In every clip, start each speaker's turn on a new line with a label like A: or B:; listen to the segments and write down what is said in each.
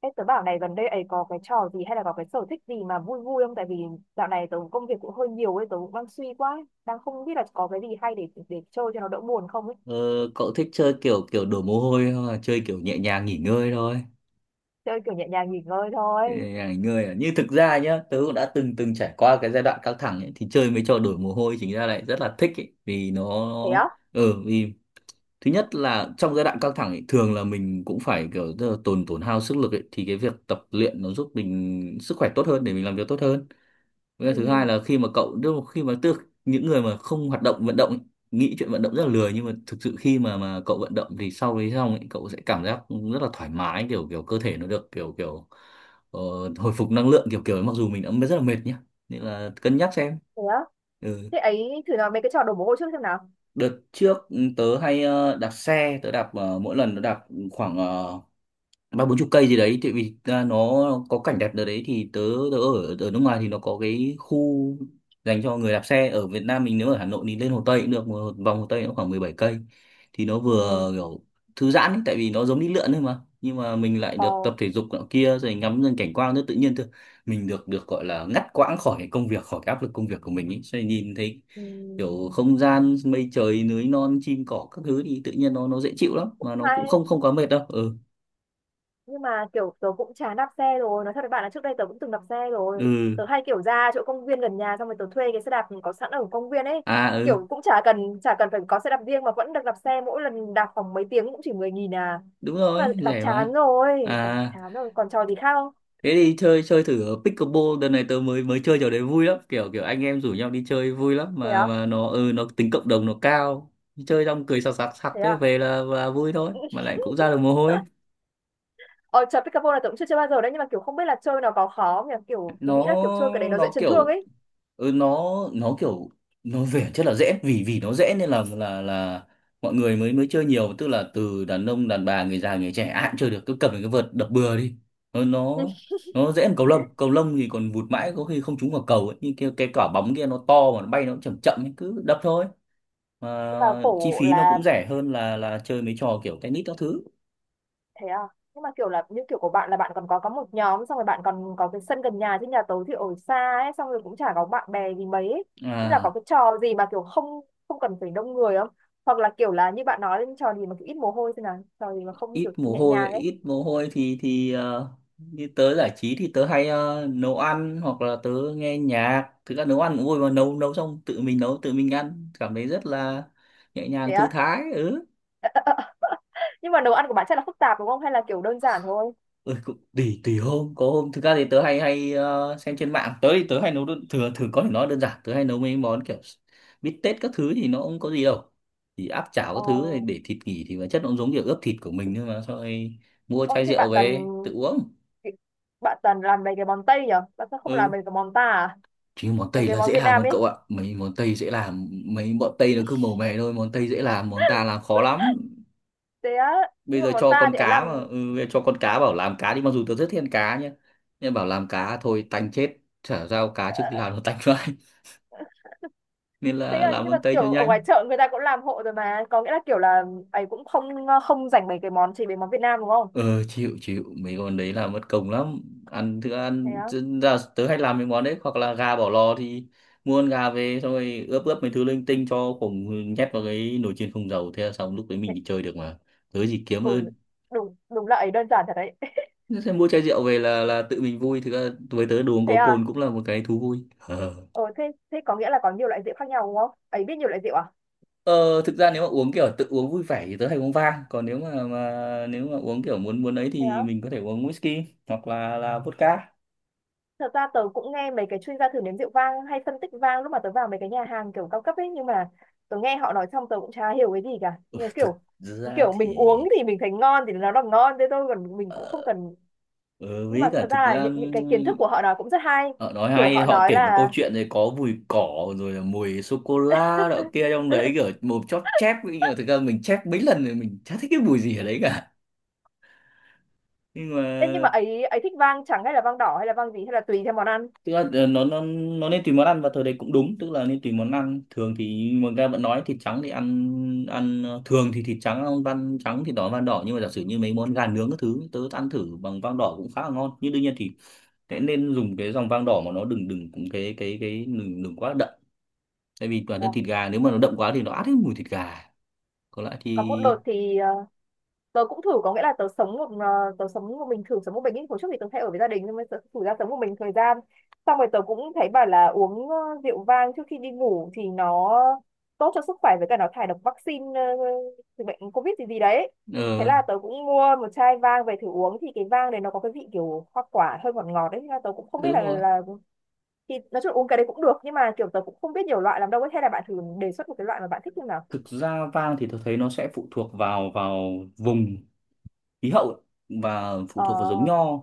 A: Ê, tớ bảo này gần đây ấy có cái trò gì hay là có cái sở thích gì mà vui vui không? Tại vì dạo này tớ công việc cũng hơi nhiều ấy, tớ cũng đang suy quá, ấy, đang không biết là có cái gì hay để chơi cho nó đỡ buồn không ấy.
B: Ờ, Cậu thích chơi kiểu kiểu đổ mồ hôi không, là chơi kiểu nhẹ nhàng nghỉ ngơi thôi?
A: Chơi kiểu nhẹ nhàng nghỉ ngơi
B: Nhẹ
A: thôi.
B: nhàng nghỉ ngơi à? Như thực ra nhá, tớ cũng đã từng từng trải qua cái giai đoạn căng thẳng ấy, thì chơi mấy trò đổ mồ hôi chính ra lại rất là thích ấy. Vì nó,
A: Thế á?
B: vì thứ nhất là trong giai đoạn căng thẳng ấy, thường là mình cũng phải kiểu tức là tổn hao sức lực ấy, thì cái việc tập luyện nó giúp mình sức khỏe tốt hơn để mình làm việc tốt hơn. Với cả
A: Ừ,
B: thứ hai là, khi mà cậu tức là khi mà tức những người mà không hoạt động vận động ấy, nghĩ chuyện vận động rất là lười, nhưng mà thực sự khi mà cậu vận động thì sau đấy xong ấy, cậu sẽ cảm giác rất là thoải mái, kiểu kiểu cơ thể nó được kiểu kiểu ờ, hồi phục năng lượng kiểu kiểu ấy, mặc dù mình đã rất là mệt nhá. Nên là cân nhắc xem.
A: thế á.
B: Ừ.
A: Thế ấy thử làm mấy cái trò đổ mồ hôi trước xem nào.
B: Đợt trước tớ hay đạp xe, tớ đạp mỗi lần tớ đạp khoảng ba bốn chục cây gì đấy, tại vì à, nó có cảnh đẹp ở đấy. Thì tớ ở ở nước ngoài thì nó có cái khu dành cho người đạp xe. Ở Việt Nam mình, nếu ở Hà Nội thì lên Hồ Tây cũng được, một vòng Hồ Tây nó khoảng 17 cây, thì nó
A: Ừ.
B: vừa kiểu thư giãn ấy, tại vì nó giống đi lượn thôi mà, nhưng mà mình lại
A: Ờ.
B: được tập thể dục nọ kia, rồi ngắm dần cảnh quan rất tự nhiên thôi, mình được được gọi là ngắt quãng khỏi cái công việc, khỏi cái áp lực công việc của mình ấy. Cho nên nhìn thấy
A: Ừ.
B: kiểu không gian mây trời, núi non, chim cỏ các thứ thì tự nhiên nó dễ chịu lắm, mà nó cũng không không quá mệt đâu. Ừ.
A: Nhưng mà kiểu tớ cũng chán đạp xe rồi, nói thật với bạn là trước đây tớ cũng từng đạp xe rồi.
B: Ừ.
A: Tớ hay kiểu ra chỗ công viên gần nhà, xong rồi tớ thuê cái xe đạp có sẵn ở công viên ấy,
B: À, ừ,
A: kiểu cũng chả cần phải có xe đạp riêng mà vẫn được đạp xe, mỗi lần đạp khoảng mấy tiếng cũng chỉ 10.000 à.
B: đúng
A: Nhưng mà
B: rồi,
A: đạp
B: rẻ mà.
A: chán rồi, đạp
B: À,
A: chán rồi còn trò gì khác không?
B: thế đi chơi chơi thử ở pickleball. Đợt này tớ mới mới chơi trò đấy, vui lắm, kiểu kiểu anh em rủ nhau đi chơi vui lắm,
A: Thế
B: mà
A: à?
B: mà nó, nó tính cộng đồng nó cao. Chơi xong cười sặc sặc sặc,
A: Thế
B: thế
A: à?
B: về là vui thôi, mà lại cũng ra được mồ hôi.
A: Ờ, trò pickleball là tớ cũng chưa chơi bao giờ đấy, nhưng mà kiểu không biết là chơi nó có khó không nhỉ, kiểu tớ nghĩ là
B: nó
A: kiểu chơi cái đấy nó dễ
B: nó
A: chấn thương
B: kiểu,
A: ấy.
B: ừ, nó nó kiểu nó về rất là dễ. Vì vì nó dễ nên là mọi người mới mới chơi nhiều, tức là từ đàn ông đàn bà, người già người trẻ ai cũng chơi được, cứ cầm được cái vợt đập bừa đi. Nó nó nó dễ hơn cầu lông, cầu lông thì còn vụt mãi có khi không trúng vào cầu ấy. Nhưng cái quả bóng kia nó to, mà nó bay nó cũng chậm chậm ấy, cứ đập thôi.
A: Và
B: Mà chi
A: khổ
B: phí nó
A: là
B: cũng rẻ hơn là chơi mấy trò kiểu tennis các thứ.
A: thế à, nhưng mà kiểu là như kiểu của bạn là bạn còn có một nhóm, xong rồi bạn còn có cái sân gần nhà, chứ nhà tớ thì ở xa ấy, xong rồi cũng chả có bạn bè gì mấy ấy. Nên là có
B: À,
A: cái trò gì mà kiểu không không cần phải đông người không, hoặc là kiểu là như bạn nói đến trò gì mà kiểu ít mồ hôi, thế nào trò gì mà không
B: ít
A: kiểu
B: mồ
A: nhẹ
B: hôi.
A: nhàng ấy.
B: Ít mồ hôi thì như tớ giải trí thì tớ hay nấu ăn, hoặc là tớ nghe nhạc. Thực ra nấu ăn cũng vui mà, nấu nấu xong tự mình nấu tự mình ăn cảm thấy rất là nhẹ
A: Thế
B: nhàng thư
A: á?
B: thái. Ừ.
A: Nhưng mà nấu ăn của bạn chắc là phức tạp đúng không, hay là kiểu đơn giản thôi?
B: Ừ, cũng tùy tùy hôm, có hôm thực ra thì tớ hay hay ờ, xem trên mạng. Tớ thì tớ hay thường thường có thể nói đơn giản, tớ hay nấu mấy món kiểu bít tết các thứ thì nó không có gì đâu, thì áp chảo
A: Ờ.
B: các thứ này, để thịt nghỉ thì bản chất nó cũng giống kiểu ướp thịt của mình. Nhưng mà sau rồi mua
A: ờ,
B: chai
A: thế
B: rượu
A: bạn toàn
B: về tự uống.
A: bạn toàn làm mấy cái món Tây nhở, bạn sao không làm
B: Ừ,
A: mấy cái món ta à?
B: chứ món
A: Mấy
B: Tây
A: cái
B: là
A: món
B: dễ
A: Việt
B: làm
A: Nam
B: hơn
A: ấy.
B: cậu ạ. Mấy món Tây dễ làm, mấy bọn Tây nó cứ màu mè thôi, món Tây dễ làm, món ta làm khó lắm.
A: Thế á?
B: Bây
A: Nhưng mà
B: giờ
A: món
B: cho
A: ta
B: con
A: thì ấy
B: cá
A: làm.
B: mà, ừ, bây giờ cho con cá bảo làm cá đi, mặc dù tớ rất thiên cá nhé, nhưng bảo làm cá thôi tanh chết. Chả giao cá, trước
A: ờ,
B: khi làm nó tanh vãi. Nên
A: thế
B: là
A: là
B: làm
A: nhưng mà
B: món Tây cho
A: kiểu ở
B: nhanh.
A: ngoài chợ người ta cũng làm hộ rồi mà, có nghĩa là kiểu là ấy cũng không, không dành mấy cái món, chỉ mấy món Việt Nam đúng không?
B: Ờ, chịu chịu mấy món đấy là mất công lắm. Ăn thức
A: Thế
B: ăn
A: á?
B: chứ ra, tớ hay làm mấy món đấy, hoặc là gà bỏ lò thì mua con gà về xong rồi ướp ướp mấy thứ linh tinh cho khổng, nhét vào cái nồi chiên không dầu thế là xong, lúc đấy
A: Thế.
B: mình đi chơi được mà. Tớ gì kiếm
A: Ừ,
B: ơn.
A: đúng đúng là ấy đơn giản thật đấy.
B: Thế Thế mua chai rượu về là tự mình vui, thực ra với tớ đồ uống
A: Thế
B: có
A: à?
B: cồn cũng là một cái thú vui. Ờ.
A: Ờ, thế thế có nghĩa là có nhiều loại rượu khác nhau đúng không ấy, biết nhiều loại rượu à?
B: Ờ, thực ra nếu mà uống kiểu tự uống vui vẻ thì tớ hay uống vang, còn nếu mà uống kiểu muốn muốn ấy
A: Thế
B: thì
A: á?
B: mình có thể uống whisky hoặc là vodka.
A: Thật ra tớ cũng nghe mấy cái chuyên gia thử nếm rượu vang hay phân tích vang lúc mà tớ vào mấy cái nhà hàng kiểu cao cấp ấy, nhưng mà tớ nghe họ nói xong tớ cũng chả hiểu cái gì cả,
B: Ừ,
A: nhưng
B: thực
A: kiểu
B: ra
A: kiểu mình
B: thì
A: uống thì mình thấy ngon thì nó là ngon thế thôi, còn mình cũng không
B: Ờ,
A: cần.
B: Ừ,
A: Nhưng
B: với
A: mà
B: cả
A: thật
B: thực
A: ra là
B: ra,
A: những cái kiến thức của họ nói cũng rất hay,
B: họ nói
A: kiểu
B: hay,
A: họ
B: họ
A: nói
B: kể một câu
A: là
B: chuyện này có mùi cỏ rồi là mùi sô cô la đọ kia trong đấy, kiểu mồm chóp chép, nhưng mà thực ra mình chép mấy lần rồi mình chả thích cái mùi gì ở đấy cả. Nhưng mà
A: Ê, nhưng mà ấy ấy thích vang trắng hay là vang đỏ hay là vang gì, hay là tùy theo món ăn?
B: tức là nó nên tùy món ăn, và thời đấy cũng đúng, tức là nên tùy món ăn. Thường thì người ta vẫn nói thịt trắng thì ăn ăn thường thì thịt trắng ăn van trắng, thịt đỏ ăn van đỏ. Nhưng mà giả sử như mấy món gà nướng các thứ tớ ăn thử bằng van đỏ cũng khá là ngon, nhưng đương nhiên thì thế nên dùng cái dòng vang đỏ mà nó đừng đừng cũng cái đừng đừng quá đậm. Tại vì toàn
A: Ờ,
B: thân thịt gà, nếu mà nó đậm quá thì nó át hết mùi thịt gà. Còn lại thì
A: có một đợt thì tớ cũng thử, có nghĩa là tớ sống một mình, thử sống một mình ý. Hồi trước thì tớ hay ở với gia đình, nhưng mà tớ thử ra sống một mình thời gian, xong rồi tớ cũng thấy bảo là uống rượu vang trước khi đi ngủ thì nó tốt cho sức khỏe, với cả nó thải độc vaccine từ bệnh covid gì gì đấy. Thế
B: ờ
A: là tớ cũng mua một chai vang về thử uống, thì cái vang đấy nó có cái vị kiểu hoa quả hơi ngọt ngọt đấy. Thế là tớ cũng
B: ừ,
A: không biết
B: đúng
A: là
B: rồi.
A: là thì nói chung là uống cái đấy cũng được, nhưng mà kiểu tớ cũng không biết nhiều loại làm đâu ấy, hay là bạn thử đề xuất một cái loại mà bạn thích như nào?
B: Thực ra vang thì tôi thấy nó sẽ phụ thuộc vào vào vùng khí hậu và phụ
A: Ờ.
B: thuộc vào giống nho.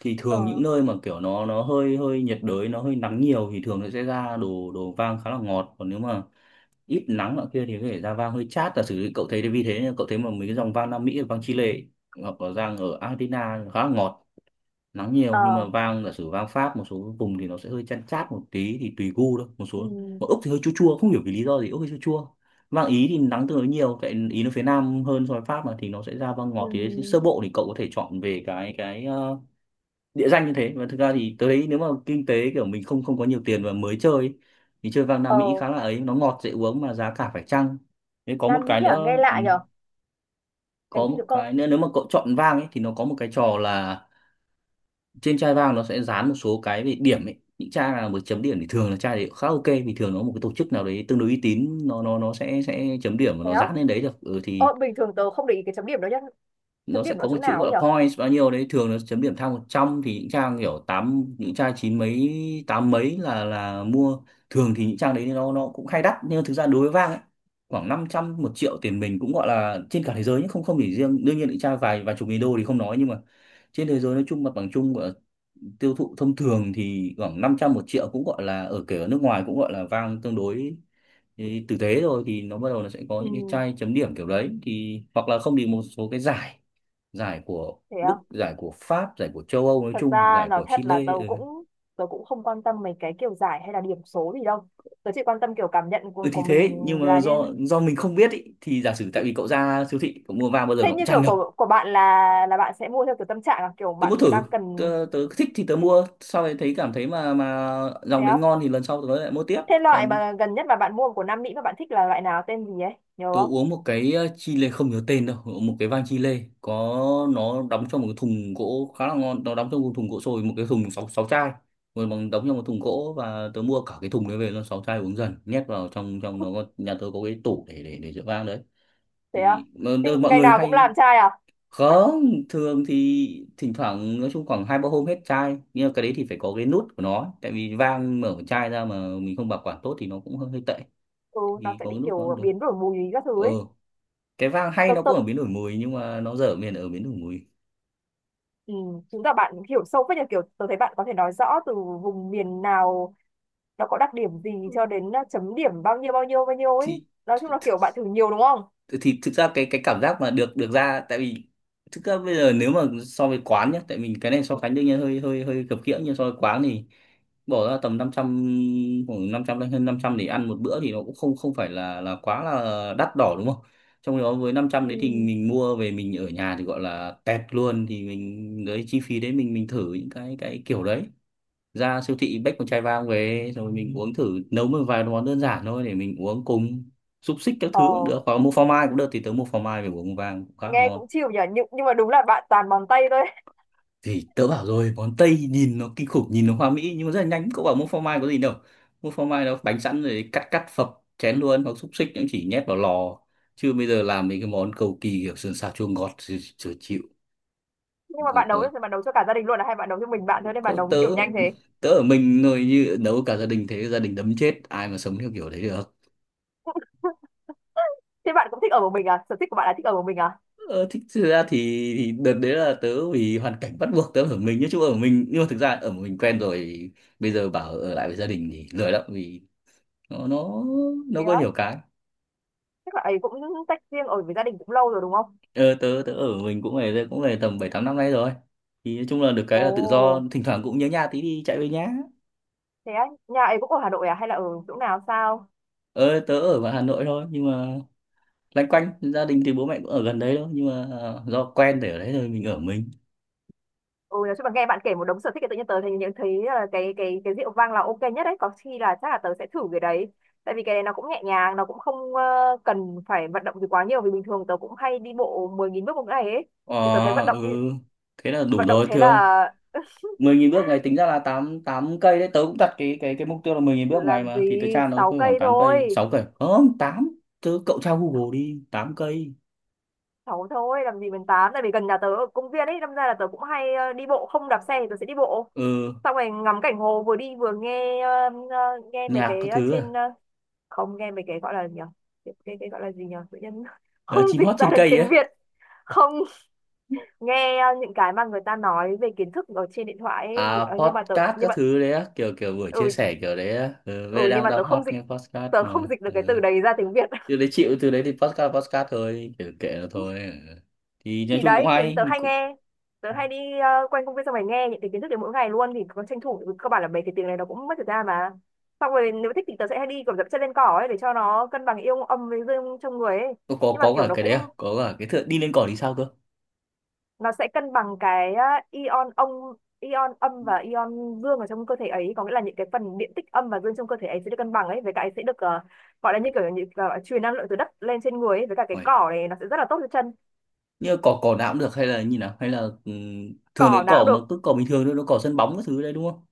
B: Thì
A: Ờ.
B: thường những nơi mà kiểu nó hơi hơi nhiệt đới, nó hơi nắng nhiều thì thường nó sẽ ra đồ đồ vang khá là ngọt. Còn nếu mà ít nắng nọ kia thì có thể ra vang hơi chát. Giả sử cậu thấy, thì vì thế cậu thấy mà mấy cái dòng vang Nam Mỹ, vang Chile ấy, hoặc là vang ở Argentina khá là ngọt, nắng nhiều. Nhưng mà
A: Ờ.
B: vang, giả sử vang Pháp một số vùng thì nó sẽ hơi chăn chát một tí, thì tùy gu thôi. Một số,
A: Ừ.
B: mà Úc thì hơi chua chua, không hiểu vì lý do gì, Úc hơi chua chua. Vang Ý thì nắng tương đối nhiều, tại Ý nó phía Nam hơn so với Pháp mà, thì nó sẽ ra vang ngọt.
A: Ừ.
B: Thì đấy, sơ bộ thì cậu có thể chọn về cái địa danh như thế. Và thực ra thì tới đấy, nếu mà kinh tế kiểu mình không không có nhiều tiền và mới chơi ấy, thì chơi vang Nam Mỹ
A: Ờ,
B: khá là ấy, nó ngọt dễ uống mà giá cả phải chăng. Thế có một
A: Nam Mỹ
B: cái
A: à, nghe
B: nữa,
A: lạ nhở? Cái gì được cô?
B: nếu mà cậu chọn vang ấy thì nó có một cái trò là trên chai vang nó sẽ dán một số cái về điểm ấy. Những chai nào mà chấm điểm thì thường là chai đấy khá ok, vì thường nó một cái tổ chức nào đấy tương đối uy tín nó sẽ chấm điểm và
A: Thế
B: nó
A: á?
B: dán lên đấy được. Ừ. Thì
A: Ờ, bình thường tớ không để ý cái chấm điểm đó nhá.
B: nó
A: Chấm
B: sẽ
A: điểm nó
B: có một
A: chỗ
B: chữ
A: nào ấy
B: gọi là
A: nhở?
B: points bao nhiêu đấy, thường nó chấm điểm thang 100 thì những trang kiểu tám, những trang chín mấy, tám mấy là mua. Thường thì những trang đấy nó cũng hay đắt, nhưng mà thực ra đối với Vang ấy khoảng 500 1 triệu tiền mình, cũng gọi là trên cả thế giới. Nhưng không không chỉ riêng, đương nhiên những trang vài vài chục nghìn đô thì không nói. Nhưng mà trên thế giới nói chung, mặt bằng chung gọi là tiêu thụ thông thường thì khoảng 500 một triệu, cũng gọi là ở, kể ở nước ngoài cũng gọi là Vang tương đối ý, tử tế rồi, thì nó bắt đầu nó sẽ có
A: Ừ,
B: những cái chai chấm điểm kiểu đấy. Thì hoặc là không thì một số cái giải, giải của
A: thế à?
B: Đức, giải của Pháp, giải của châu Âu nói
A: Thật
B: chung, hoặc
A: ra
B: giải
A: nói
B: của
A: thật là
B: Chile.
A: tớ
B: Ừ.
A: cũng tớ cũng không quan tâm mấy cái kiểu giải hay là điểm số gì đâu. Tớ chỉ quan tâm kiểu cảm nhận
B: Ừ
A: của
B: thì thế
A: mình.
B: nhưng mà
A: Là như
B: do mình không biết ý, thì giả sử tại vì cậu ra siêu thị cậu mua vàng bao giờ
A: thế,
B: nó cũng
A: như
B: tràn
A: kiểu
B: ngập.
A: của bạn là bạn sẽ mua theo kiểu tâm trạng, là kiểu
B: Tớ muốn
A: bạn
B: thử.
A: đang cần.
B: Tớ thích thì tớ mua, sau này thấy cảm thấy mà
A: Thế
B: dòng đấy
A: á?
B: ngon thì lần sau tớ lại mua tiếp.
A: Thế loại
B: Còn
A: mà gần nhất mà bạn mua của Nam Mỹ mà bạn thích là loại nào, tên gì ấy? Nhớ
B: tôi
A: không?
B: uống một cái chi lê, không nhớ tên đâu, một cái vang chi lê, có nó đóng trong một cái thùng gỗ khá là ngon, nó đóng trong một thùng gỗ sồi, một cái thùng sáu sáu chai, rồi bằng đóng trong một thùng gỗ và tớ mua cả cái thùng đấy về luôn, sáu chai uống dần, nhét vào trong trong nó, có nhà tớ có cái tủ để rượu vang đấy.
A: Thế à?
B: Thì mà
A: Thế
B: mọi
A: ngày
B: người
A: nào cũng
B: hay
A: làm trai à?
B: không. Thường thì thỉnh thoảng nói chung khoảng hai ba hôm hết chai, nhưng mà cái đấy thì phải có cái nút của nó, tại vì vang mở chai ra mà mình không bảo quản tốt thì nó cũng hơi tệ,
A: Ừ, nó
B: thì
A: sẽ
B: có cái
A: bị
B: nút nó cũng
A: kiểu
B: được.
A: biến đổi mùi các thứ
B: Ờ,
A: ấy.
B: cái vang hay
A: tớ,
B: nó
A: tớ
B: cũng ở biến đổi mùi, nhưng mà nó dở miền ở biến đổi mùi.
A: Ừ, chứng tỏ bạn hiểu sâu phết nhờ, kiểu tôi thấy bạn có thể nói rõ từ vùng miền nào nó có đặc điểm gì,
B: Ừ.
A: cho đến chấm điểm bao nhiêu bao nhiêu bao nhiêu ấy.
B: thì
A: Nói chung là kiểu bạn thử nhiều đúng không?
B: thì thực ra cái cảm giác mà được được ra, tại vì thực ra bây giờ nếu mà so với quán nhá, tại mình cái này so sánh đương nhiên hơi hơi hơi khập khiễng, nhưng so với quán thì bỏ ra tầm năm trăm, khoảng 500 đến hơn 500 để ăn một bữa thì nó cũng không không phải là quá là đắt đỏ, đúng không? Trong khi đó với năm trăm đấy thì
A: Ừ.
B: mình mua về mình ở nhà thì gọi là tẹt luôn, thì mình đấy chi phí đấy mình thử những cái kiểu đấy. Ra siêu thị xách một chai vang về rồi mình uống thử, nấu một vài món đơn giản thôi để mình uống cùng, xúc xích các thứ
A: Ờ,
B: cũng được, hoặc mua phô mai cũng được, thì tớ mua phô mai về uống vang cũng khá là
A: nghe cũng
B: ngon.
A: chịu nhỉ, nhưng mà đúng là bạn toàn bằng tay thôi.
B: Thì tớ bảo rồi, món Tây nhìn nó kinh khủng, nhìn nó hoa mỹ nhưng mà rất là nhanh, cậu bảo mua phô mai có gì đâu, mua phô mai nó bánh sẵn rồi cắt cắt phập chén luôn, hoặc xúc xích cũng chỉ nhét vào lò, chứ bây giờ làm mấy cái món cầu kỳ kiểu sườn xào chua ngọt thì chừa chịu.
A: Nhưng mà
B: có,
A: bạn nấu
B: có,
A: thì bạn nấu cho cả gia đình luôn à, hay bạn nấu cho mình bạn thôi nên bạn
B: có
A: nấu
B: tớ,
A: kiểu nhanh thế?
B: tớ ở mình rồi, như nấu cả gia đình thế gia đình đấm chết, ai mà sống theo kiểu đấy được.
A: Thế bạn cũng thích ở một mình à, sở thích của bạn là thích ở một mình à?
B: Ờ, thích thực ra thì đợt đấy là tớ vì hoàn cảnh bắt buộc tớ ở mình, nói chung ở mình, nhưng mà thực ra ở một mình quen rồi, bây giờ bảo ở lại với gia đình thì lười lắm, vì nó nó
A: Thế
B: nó có
A: á,
B: nhiều cái.
A: chắc là ấy cũng tách riêng ở với gia đình cũng lâu rồi đúng không?
B: Ờ, tớ tớ ở mình cũng về, cũng về tầm bảy tám năm nay rồi, thì nói chung là được cái
A: Ồ,
B: là tự do, thỉnh thoảng cũng nhớ nhà tí đi chạy về nhà.
A: thế á, nhà ấy cũng ở Hà Nội à hay là ở chỗ nào sao?
B: Ờ, tớ ở ngoài Hà Nội thôi, nhưng mà loanh quanh gia đình thì bố mẹ cũng ở gần đấy thôi, nhưng mà do quen để ở đấy rồi mình ở mình.
A: Ừ, nói chung là nghe bạn kể một đống sở thích thì tự nhiên tớ thấy nhận thấy là cái rượu vang là ok nhất đấy, có khi là chắc là tớ sẽ thử cái đấy. Tại vì cái này nó cũng nhẹ nhàng, nó cũng không cần phải vận động gì quá nhiều, vì bình thường tớ cũng hay đi bộ 10.000 bước một ngày ấy.
B: Ờ.
A: Thì tớ thấy vận động đi,
B: Ừ, thế là đủ
A: vận động
B: rồi
A: thế
B: thưa.
A: là
B: 10.000 bước ngày tính ra là 8 8 cây đấy, tớ cũng đặt cái mục tiêu là 10.000 bước ngày,
A: làm
B: mà thì tớ
A: gì
B: tra nó
A: 6
B: khoảng
A: cây
B: tám cây,
A: thôi.
B: 6 cây, không tám. Tớ cậu tra Google đi, 8 cây.
A: Sáu thôi, làm gì mình 8, tại vì gần nhà tớ ở công viên ấy, đâm ra là tớ cũng hay đi bộ, không đạp xe thì tớ sẽ đi bộ,
B: Ừ,
A: xong rồi ngắm cảnh hồ, vừa đi vừa nghe nghe mấy
B: nhạc các
A: cái
B: thứ à?
A: không, nghe mấy cái gọi là gì nhỉ, cái gọi là gì nhỉ tự nhiên
B: Ờ,
A: không
B: chim hót
A: dịch ra
B: trên
A: được
B: cây
A: tiếng
B: ấy.
A: Việt. Không, nghe những cái mà người ta nói về kiến thức ở trên điện thoại ấy.
B: À,
A: Ờ, nhưng mà tớ
B: podcast
A: nhưng
B: các
A: mà
B: thứ đấy á, kiểu kiểu buổi chia
A: Ừ.
B: sẻ kiểu đấy á. Ừ, bây giờ
A: Ừ, nhưng
B: đang
A: mà tớ
B: đang hot
A: không dịch
B: nghe podcast
A: tớ không
B: mà.
A: dịch được cái
B: Ừ.
A: từ đấy ra tiếng Việt.
B: Từ đấy chịu, từ đấy thì podcast, podcast thôi, kiểu kệ nó thôi. Ừ. Thì nói
A: Thì
B: chung cũng
A: đấy, kiểu
B: hay.
A: tớ hay đi quanh công viên, xong rồi nghe những cái kiến thức đấy mỗi ngày luôn, thì có tranh thủ, cơ bản là mấy cái tiếng này nó cũng mất thời gian mà. Xong rồi nếu thích thì tớ sẽ hay đi kiểu dẫm chân lên cỏ ấy, để cho nó cân bằng ion âm với dương trong người ấy.
B: Có,
A: Nhưng mà
B: có
A: kiểu
B: cả
A: nó
B: cái
A: cũng
B: đấy à? Có cả cái thượng đi lên cỏ thì sao cơ?
A: nó sẽ cân bằng cái á, ion ông, ion âm và ion dương ở trong cơ thể ấy, có nghĩa là những cái phần điện tích âm và dương trong cơ thể ấy sẽ được cân bằng ấy, với cả ấy sẽ được gọi là như kiểu, như kiểu truyền năng lượng từ đất lên trên người ấy, với cả cái
B: Ôi,
A: cỏ này nó sẽ rất là tốt cho chân.
B: như cỏ, cỏ nào cũng được hay là như nào, hay là thường lấy
A: Cỏ nào cũng
B: cỏ mà
A: được,
B: cứ cỏ bình thường thôi, nó cỏ sân bóng các thứ đấy đúng không?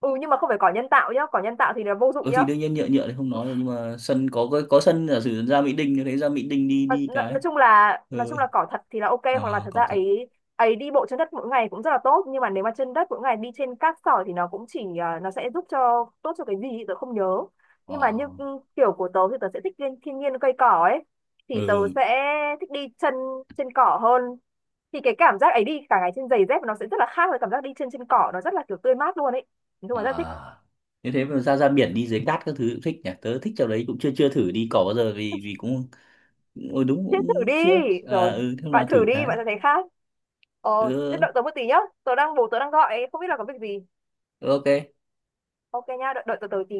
A: ừ, nhưng mà không phải cỏ nhân tạo nhá, cỏ nhân tạo thì là vô
B: Ừ
A: dụng nhá.
B: thì đương nhiên nhựa, thì không nói rồi, nhưng mà sân có, có sân giả sử ra Mỹ Đình thì thấy ra Mỹ Đình đi
A: nói,
B: đi
A: nói nói
B: cái.
A: chung là nói
B: Ừ.
A: chung là cỏ thật thì là ok,
B: Ờ,
A: hoặc là thật ra
B: cỏ thật.
A: ấy, ấy đi bộ trên đất mỗi ngày cũng rất là tốt, nhưng mà nếu mà trên đất mỗi ngày đi trên cát sỏi thì nó cũng chỉ à, nó sẽ giúp cho tốt cho cái gì thì tớ không nhớ.
B: Ờ.
A: Nhưng mà như ừ, kiểu của tớ thì tớ sẽ thích thiên nhiên cây cỏ ấy, thì tớ
B: Ừ.
A: sẽ thích đi chân trên cỏ hơn, thì cái cảm giác ấy đi cả ngày trên giày dép nó sẽ rất là khác với cảm giác đi trên trên cỏ, nó rất là kiểu tươi mát luôn ấy. Nói chung là rất thích.
B: À, như thế mà ra ra biển đi dưới cát các thứ cũng thích nhỉ, tớ thích chỗ đấy, cũng chưa chưa thử đi cỏ bao giờ, vì vì cũng ừ, đúng,
A: Thế
B: cũng
A: thử đi.
B: chưa. À
A: Rồi,
B: ừ, thế nào
A: bạn thử
B: thử
A: đi,
B: cái.
A: bạn sẽ thấy khác. Ờ, thế
B: Ừ,
A: đợi tớ một tí nhá. Bố tớ đang gọi, không biết là có việc gì.
B: ok.
A: Ok nha, đợi tớ tớ tí.